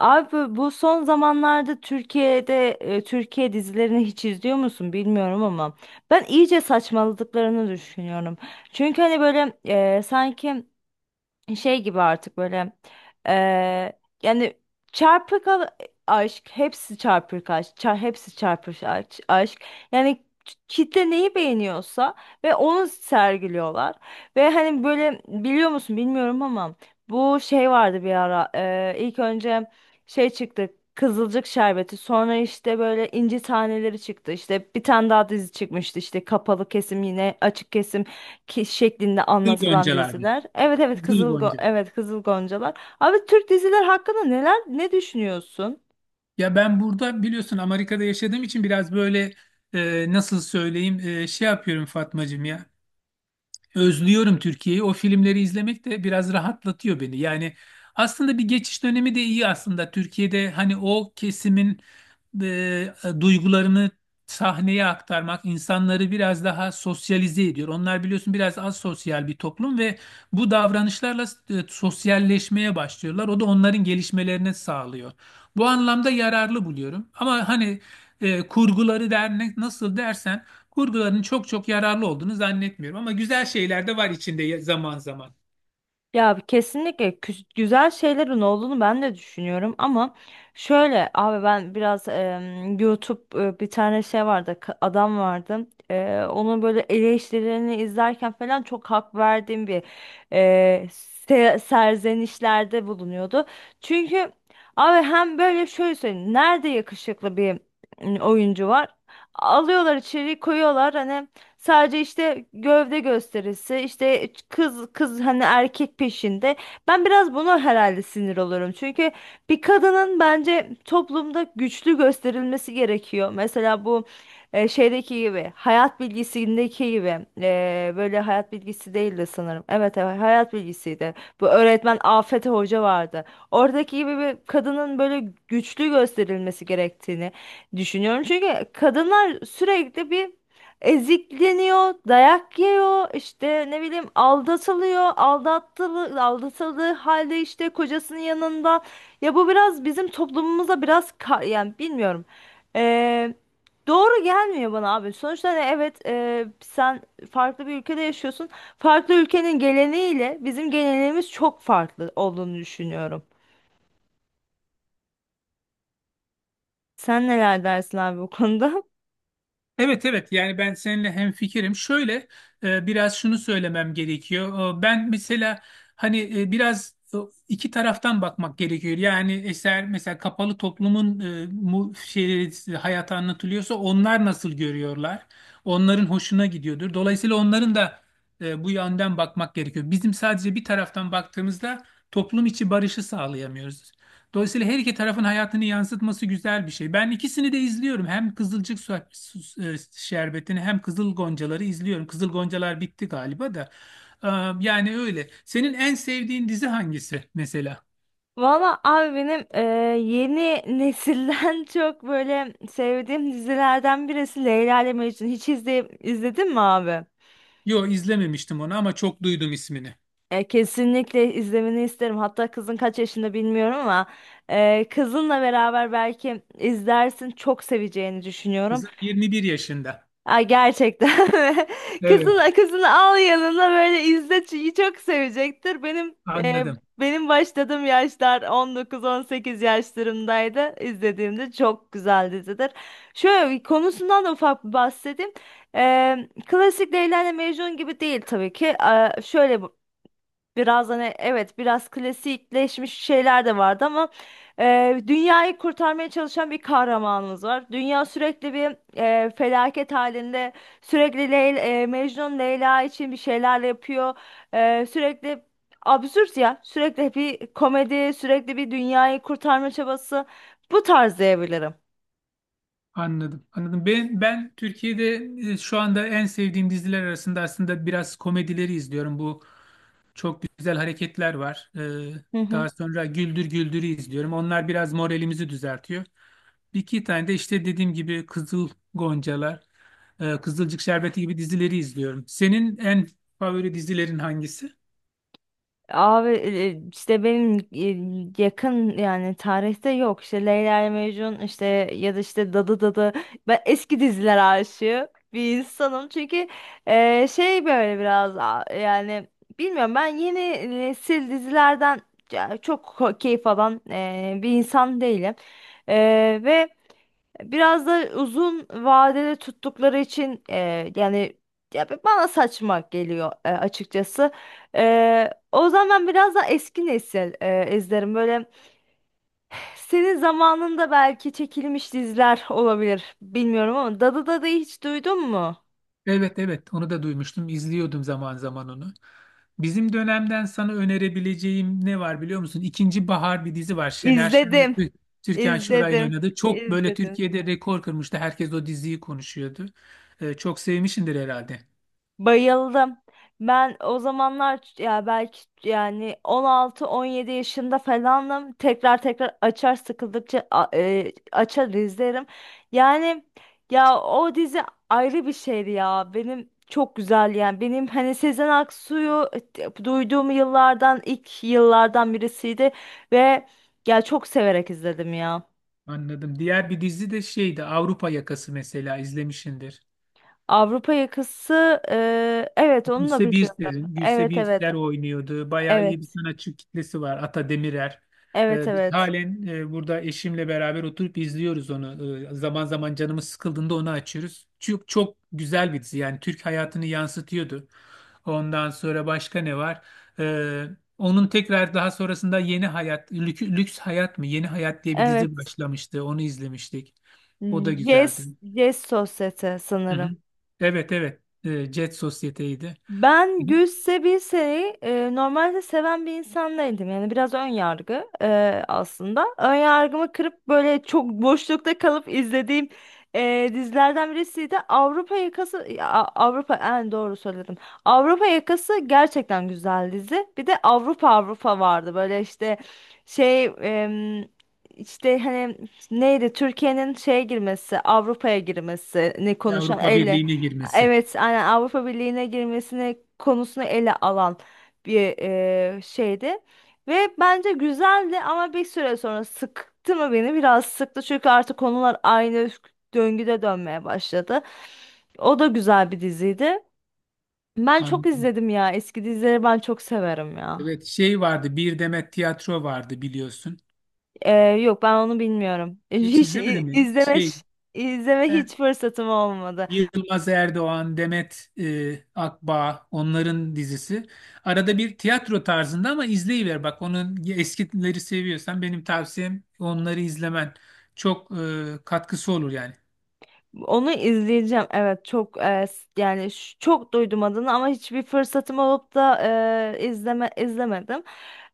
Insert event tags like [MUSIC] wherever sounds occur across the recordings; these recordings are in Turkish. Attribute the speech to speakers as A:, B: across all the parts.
A: Abi, bu son zamanlarda Türkiye'de Türkiye dizilerini hiç izliyor musun bilmiyorum ama ben iyice saçmaladıklarını düşünüyorum. Çünkü hani böyle sanki şey gibi artık böyle yani çarpık al- aşk, hepsi hepsi çarpık aşk, yani kitle neyi beğeniyorsa ve onu sergiliyorlar. Ve hani böyle, biliyor musun bilmiyorum ama bu şey vardı bir ara, ilk önce şey çıktı: Kızılcık Şerbeti, sonra işte böyle inci taneleri çıktı, işte bir tane daha dizi çıkmıştı, işte kapalı kesim, yine açık kesim ki şeklinde
B: Kızıl
A: anlatılan
B: Goncalar'da.
A: diziler. Evet, evet,
B: Kızıl Goncalar.
A: Evet, Kızıl Goncalar. Abi, Türk diziler hakkında neler, ne düşünüyorsun?
B: Ya ben burada biliyorsun Amerika'da yaşadığım için biraz böyle, nasıl söyleyeyim, şey yapıyorum Fatmacığım ya. Özlüyorum Türkiye'yi. O filmleri izlemek de biraz rahatlatıyor beni. Yani aslında bir geçiş dönemi de iyi aslında. Türkiye'de hani o kesimin e, duygularını sahneye aktarmak insanları biraz daha sosyalize ediyor. Onlar biliyorsun biraz az sosyal bir toplum ve bu davranışlarla sosyalleşmeye başlıyorlar. O da onların gelişmelerini sağlıyor. Bu anlamda yararlı buluyorum. Ama hani kurguları der nasıl dersen, kurguların çok çok yararlı olduğunu zannetmiyorum ama güzel şeyler de var içinde zaman zaman.
A: Ya, kesinlikle güzel şeylerin olduğunu ben de düşünüyorum ama şöyle abi, ben biraz YouTube, bir tane şey vardı, adam vardı, onun böyle eleştirilerini izlerken falan çok hak verdiğim bir, e, serzenişlerde bulunuyordu. Çünkü abi, hem böyle şöyle söyleyeyim, nerede yakışıklı bir oyuncu var, alıyorlar içeri koyuyorlar, hani sadece işte gövde gösterisi, işte kız kız, hani erkek peşinde. Ben biraz buna herhalde sinir olurum. Çünkü bir kadının bence toplumda güçlü gösterilmesi gerekiyor. Mesela bu şeydeki gibi, hayat bilgisindeki gibi. Böyle hayat bilgisi değildi sanırım. Evet, evet, hayat bilgisiydi. Bu öğretmen Afet Hoca vardı. Oradaki gibi bir kadının böyle güçlü gösterilmesi gerektiğini düşünüyorum. Çünkü kadınlar sürekli bir ezikleniyor, dayak yiyor, işte ne bileyim aldatılıyor, aldattılı, aldatıldığı halde işte kocasının yanında. Ya bu biraz bizim toplumumuza biraz yani bilmiyorum. Ee, doğru gelmiyor bana abi. Sonuçta hani, evet, sen farklı bir ülkede yaşıyorsun. Farklı ülkenin geleneğiyle bizim geleneğimiz çok farklı olduğunu düşünüyorum. Sen neler dersin abi bu konuda? [LAUGHS]
B: Evet, evet, yani ben seninle hemfikirim. Şöyle, biraz şunu söylemem gerekiyor. Ben mesela hani, iki taraftan bakmak gerekiyor. Yani eser mesela kapalı toplumun, şeyleri, hayatı anlatılıyorsa onlar nasıl görüyorlar? Onların hoşuna gidiyordur. Dolayısıyla onların da bu yönden bakmak gerekiyor. Bizim sadece bir taraftan baktığımızda toplum içi barışı sağlayamıyoruz. Dolayısıyla her iki tarafın hayatını yansıtması güzel bir şey. Ben ikisini de izliyorum. Hem Kızılcık Şerbeti'ni hem Kızıl Goncaları izliyorum. Kızıl Goncalar bitti galiba da. Ee, Yani öyle. Senin en sevdiğin dizi hangisi mesela?
A: Valla abi, benim yeni nesilden [LAUGHS] çok böyle sevdiğim dizilerden birisi Leyla ile Mecnun. Hiç izleyip izledin mi abi?
B: Yo, izlememiştim onu ama çok duydum ismini.
A: Kesinlikle izlemeni isterim. Hatta kızın kaç yaşında bilmiyorum ama kızınla beraber belki izlersin. Çok seveceğini düşünüyorum.
B: Kızım 21 yaşında.
A: Ay, gerçekten. [LAUGHS]
B: Evet,
A: Kızını al yanına, böyle izle çünkü çok sevecektir. Benim e,
B: anladım.
A: benim başladığım yaşlar 19-18 yaşlarımdaydı. İzlediğimde çok güzel dizidir. Şöyle bir konusundan da ufak bir bahsedeyim. E, Klasik Leyla ile Mecnun gibi değil tabii ki. Şöyle, biraz hani evet biraz klasikleşmiş şeyler de vardı ama dünyayı kurtarmaya çalışan bir kahramanımız var. Dünya sürekli bir felaket halinde, sürekli Mecnun Leyla için bir şeyler yapıyor. Sürekli absürt, ya, sürekli bir komedi, sürekli bir dünyayı kurtarma çabası, bu tarz diyebilirim.
B: Anladım. Anladım. Ben Türkiye'de şu anda en sevdiğim diziler arasında aslında biraz komedileri izliyorum. Bu çok güzel hareketler var.
A: Hı hı.
B: Daha sonra Güldür Güldür'ü izliyorum. Onlar biraz moralimizi düzeltiyor. Bir iki tane de işte dediğim gibi Kızıl Goncalar, Kızılcık Şerbeti gibi dizileri izliyorum. Senin en favori dizilerin hangisi?
A: Abi, işte benim yakın yani tarihte yok, işte Leyla ile Mecnun işte, ya da işte Dadı. Ben eski diziler aşığı bir insanım çünkü şey, böyle biraz yani bilmiyorum, ben yeni nesil dizilerden ya çok keyif alan bir insan değilim. E, Ve biraz da uzun vadede tuttukları için yani, ya bana saçma geliyor açıkçası. O zaman ben biraz da eski nesil izlerim. Böyle senin zamanında belki çekilmiş diziler olabilir. Bilmiyorum, ama Dadı'yı hiç duydun mu?
B: Evet, evet, onu da duymuştum. İzliyordum zaman zaman onu. Bizim dönemden sana önerebileceğim ne var biliyor musun? İkinci Bahar bir dizi var. Şener Şen ve
A: İzledim.
B: Türkan Şoray'ın
A: İzledim.
B: oynadığı. Çok böyle
A: İzledim.
B: Türkiye'de rekor kırmıştı. Herkes o diziyi konuşuyordu. Çok sevmişsindir herhalde.
A: Bayıldım. Ben o zamanlar ya belki yani 16-17 yaşında falanım. Tekrar tekrar açar, sıkıldıkça açar izlerim. Yani ya, o dizi ayrı bir şeydi ya. Benim çok güzel, yani. Benim hani Sezen Aksu'yu duyduğum yıllardan, ilk yıllardan birisiydi ve ya, çok severek izledim ya.
B: Anladım. Diğer bir dizi de şeydi, Avrupa Yakası, mesela izlemişsindir.
A: Avrupa Yakası, evet onu da
B: Gülse
A: biliyorum.
B: Birsel'in, Gülse
A: Evet, evet,
B: Birsel oynuyordu. Bayağı iyi bir
A: evet,
B: sanatçı kitlesi var. Ata Demirer.
A: evet,
B: Biz
A: evet.
B: halen burada eşimle beraber oturup izliyoruz onu. Zaman zaman canımız sıkıldığında onu açıyoruz. Çok, çok güzel bir dizi. Yani Türk hayatını yansıtıyordu. Ondan sonra başka ne var? Ee, Onun tekrar daha sonrasında Yeni Hayat, Lüks Hayat mı? Yeni Hayat diye bir dizi
A: Evet.
B: başlamıştı. Onu izlemiştik. O da güzeldi.
A: Yes, yes, sosyete
B: Hı
A: sanırım.
B: hı. Evet, evet. Jet Sosyete'ydi.
A: Ben Gül Sebise'yi normalde seven bir insan değildim. Yani biraz ön yargı aslında. Ön yargımı kırıp böyle çok boşlukta kalıp izlediğim dizilerden birisiydi. Avrupa Yakası, Avrupa en doğru söyledim. Avrupa Yakası gerçekten güzel dizi. Bir de Avrupa Avrupa vardı. Böyle işte şey, işte hani, neydi, Türkiye'nin şeye girmesi, Avrupa'ya girmesini konuşan
B: Avrupa
A: elle.
B: Birliği'ne girmesi.
A: Evet, aynen, Avrupa Birliği'ne girmesine konusunu ele alan bir şeydi. Ve bence güzeldi ama bir süre sonra sıktı mı beni? Biraz sıktı, çünkü artık konular aynı döngüde dönmeye başladı. O da güzel bir diziydi. Ben çok
B: Anladım.
A: izledim ya. Eski dizileri ben çok severim ya.
B: Evet, şey vardı, Bir Demet Tiyatro vardı biliyorsun.
A: Eee, Yok, ben onu bilmiyorum. [LAUGHS]
B: Hiç
A: Hiç
B: izlemedin
A: i-
B: mi?
A: izleme,
B: Şey,
A: ş- izleme
B: Er-
A: hiç fırsatım olmadı.
B: Yılmaz Erdoğan, Demet Akbağ onların dizisi. Arada bir tiyatro tarzında ama izleyiver bak, onun eskileri seviyorsan benim tavsiyem onları izlemen. Çok katkısı olur yani.
A: Onu izleyeceğim. Evet, çok yani çok duydum adını ama hiçbir fırsatım olup da izlemedim.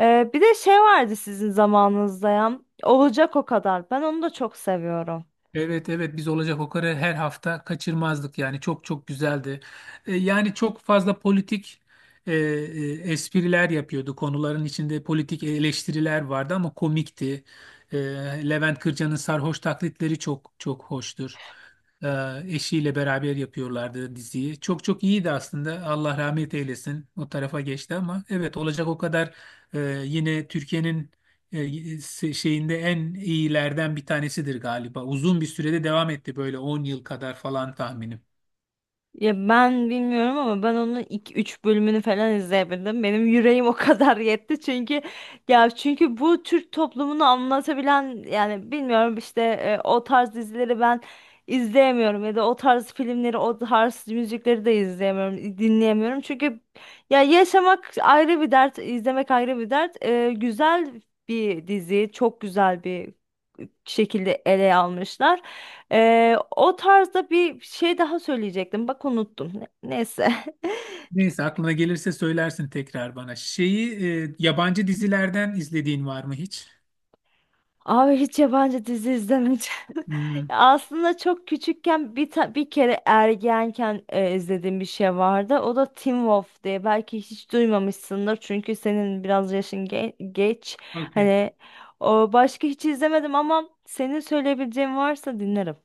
A: Bir de şey vardı sizin zamanınızda ya, Olacak O Kadar. Ben onu da çok seviyorum.
B: Evet, evet, biz olacak o kadar her hafta kaçırmazdık, yani çok çok güzeldi. Yani çok fazla politik espriler yapıyordu, konuların içinde politik eleştiriler vardı ama komikti. E, Levent Kırca'nın sarhoş taklitleri çok çok hoştur. E, Eşiyle beraber yapıyorlardı diziyi. Çok çok iyiydi aslında, Allah rahmet eylesin o tarafa geçti, ama evet olacak o kadar yine Türkiye'nin e, şeyinde en iyilerden bir tanesidir galiba. Uzun bir sürede devam etti, böyle 10 yıl kadar falan tahminim.
A: Ya ben bilmiyorum ama ben onun iki üç bölümünü falan izleyebildim. Benim yüreğim o [LAUGHS] kadar yetti, çünkü ya, çünkü bu Türk toplumunu anlatabilen, yani bilmiyorum işte, o tarz dizileri ben izleyemiyorum, ya da o tarz filmleri, o tarz müzikleri de izleyemiyorum, dinleyemiyorum. Çünkü ya, yaşamak ayrı bir dert, izlemek ayrı bir dert. Güzel bir dizi, çok güzel bir şekilde ele almışlar. O tarzda bir şey daha söyleyecektim. Bak, unuttum. Neyse. [LAUGHS]
B: Neyse, aklına gelirse söylersin tekrar bana. Şeyi, yabancı dizilerden izlediğin var mı hiç?
A: Abi, hiç yabancı dizi izlemedim. [LAUGHS]
B: Hmm,
A: Aslında çok küçükken, bir kere ergenken izlediğim bir şey vardı. O da Teen Wolf diye. Belki hiç duymamışsındır çünkü senin biraz yaşın geç.
B: okey.
A: Hani o, başka hiç izlemedim, ama senin söyleyebileceğin varsa dinlerim.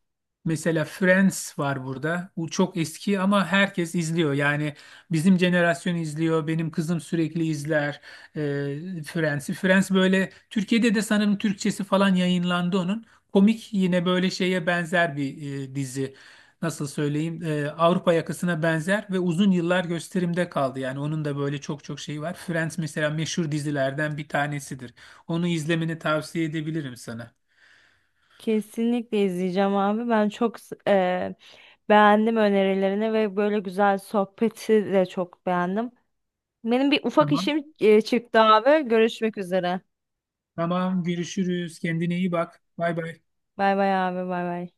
B: Mesela Friends var burada. Bu çok eski ama herkes izliyor. Yani bizim jenerasyon izliyor. Benim kızım sürekli izler Friends'i. Friends böyle Türkiye'de de sanırım Türkçesi falan yayınlandı onun. Komik, yine böyle şeye benzer bir dizi. Nasıl söyleyeyim? Avrupa Yakası'na benzer ve uzun yıllar gösterimde kaldı. Yani onun da böyle çok çok şeyi var. Friends mesela meşhur dizilerden bir tanesidir. Onu izlemeni tavsiye edebilirim sana.
A: Kesinlikle izleyeceğim abi. Ben çok beğendim önerilerini ve böyle güzel sohbeti de çok beğendim. Benim bir ufak
B: Tamam.
A: işim çıktı abi. Görüşmek üzere.
B: Tamam, görüşürüz. Kendine iyi bak. Bay bay.
A: Bay bay abi, bay bay.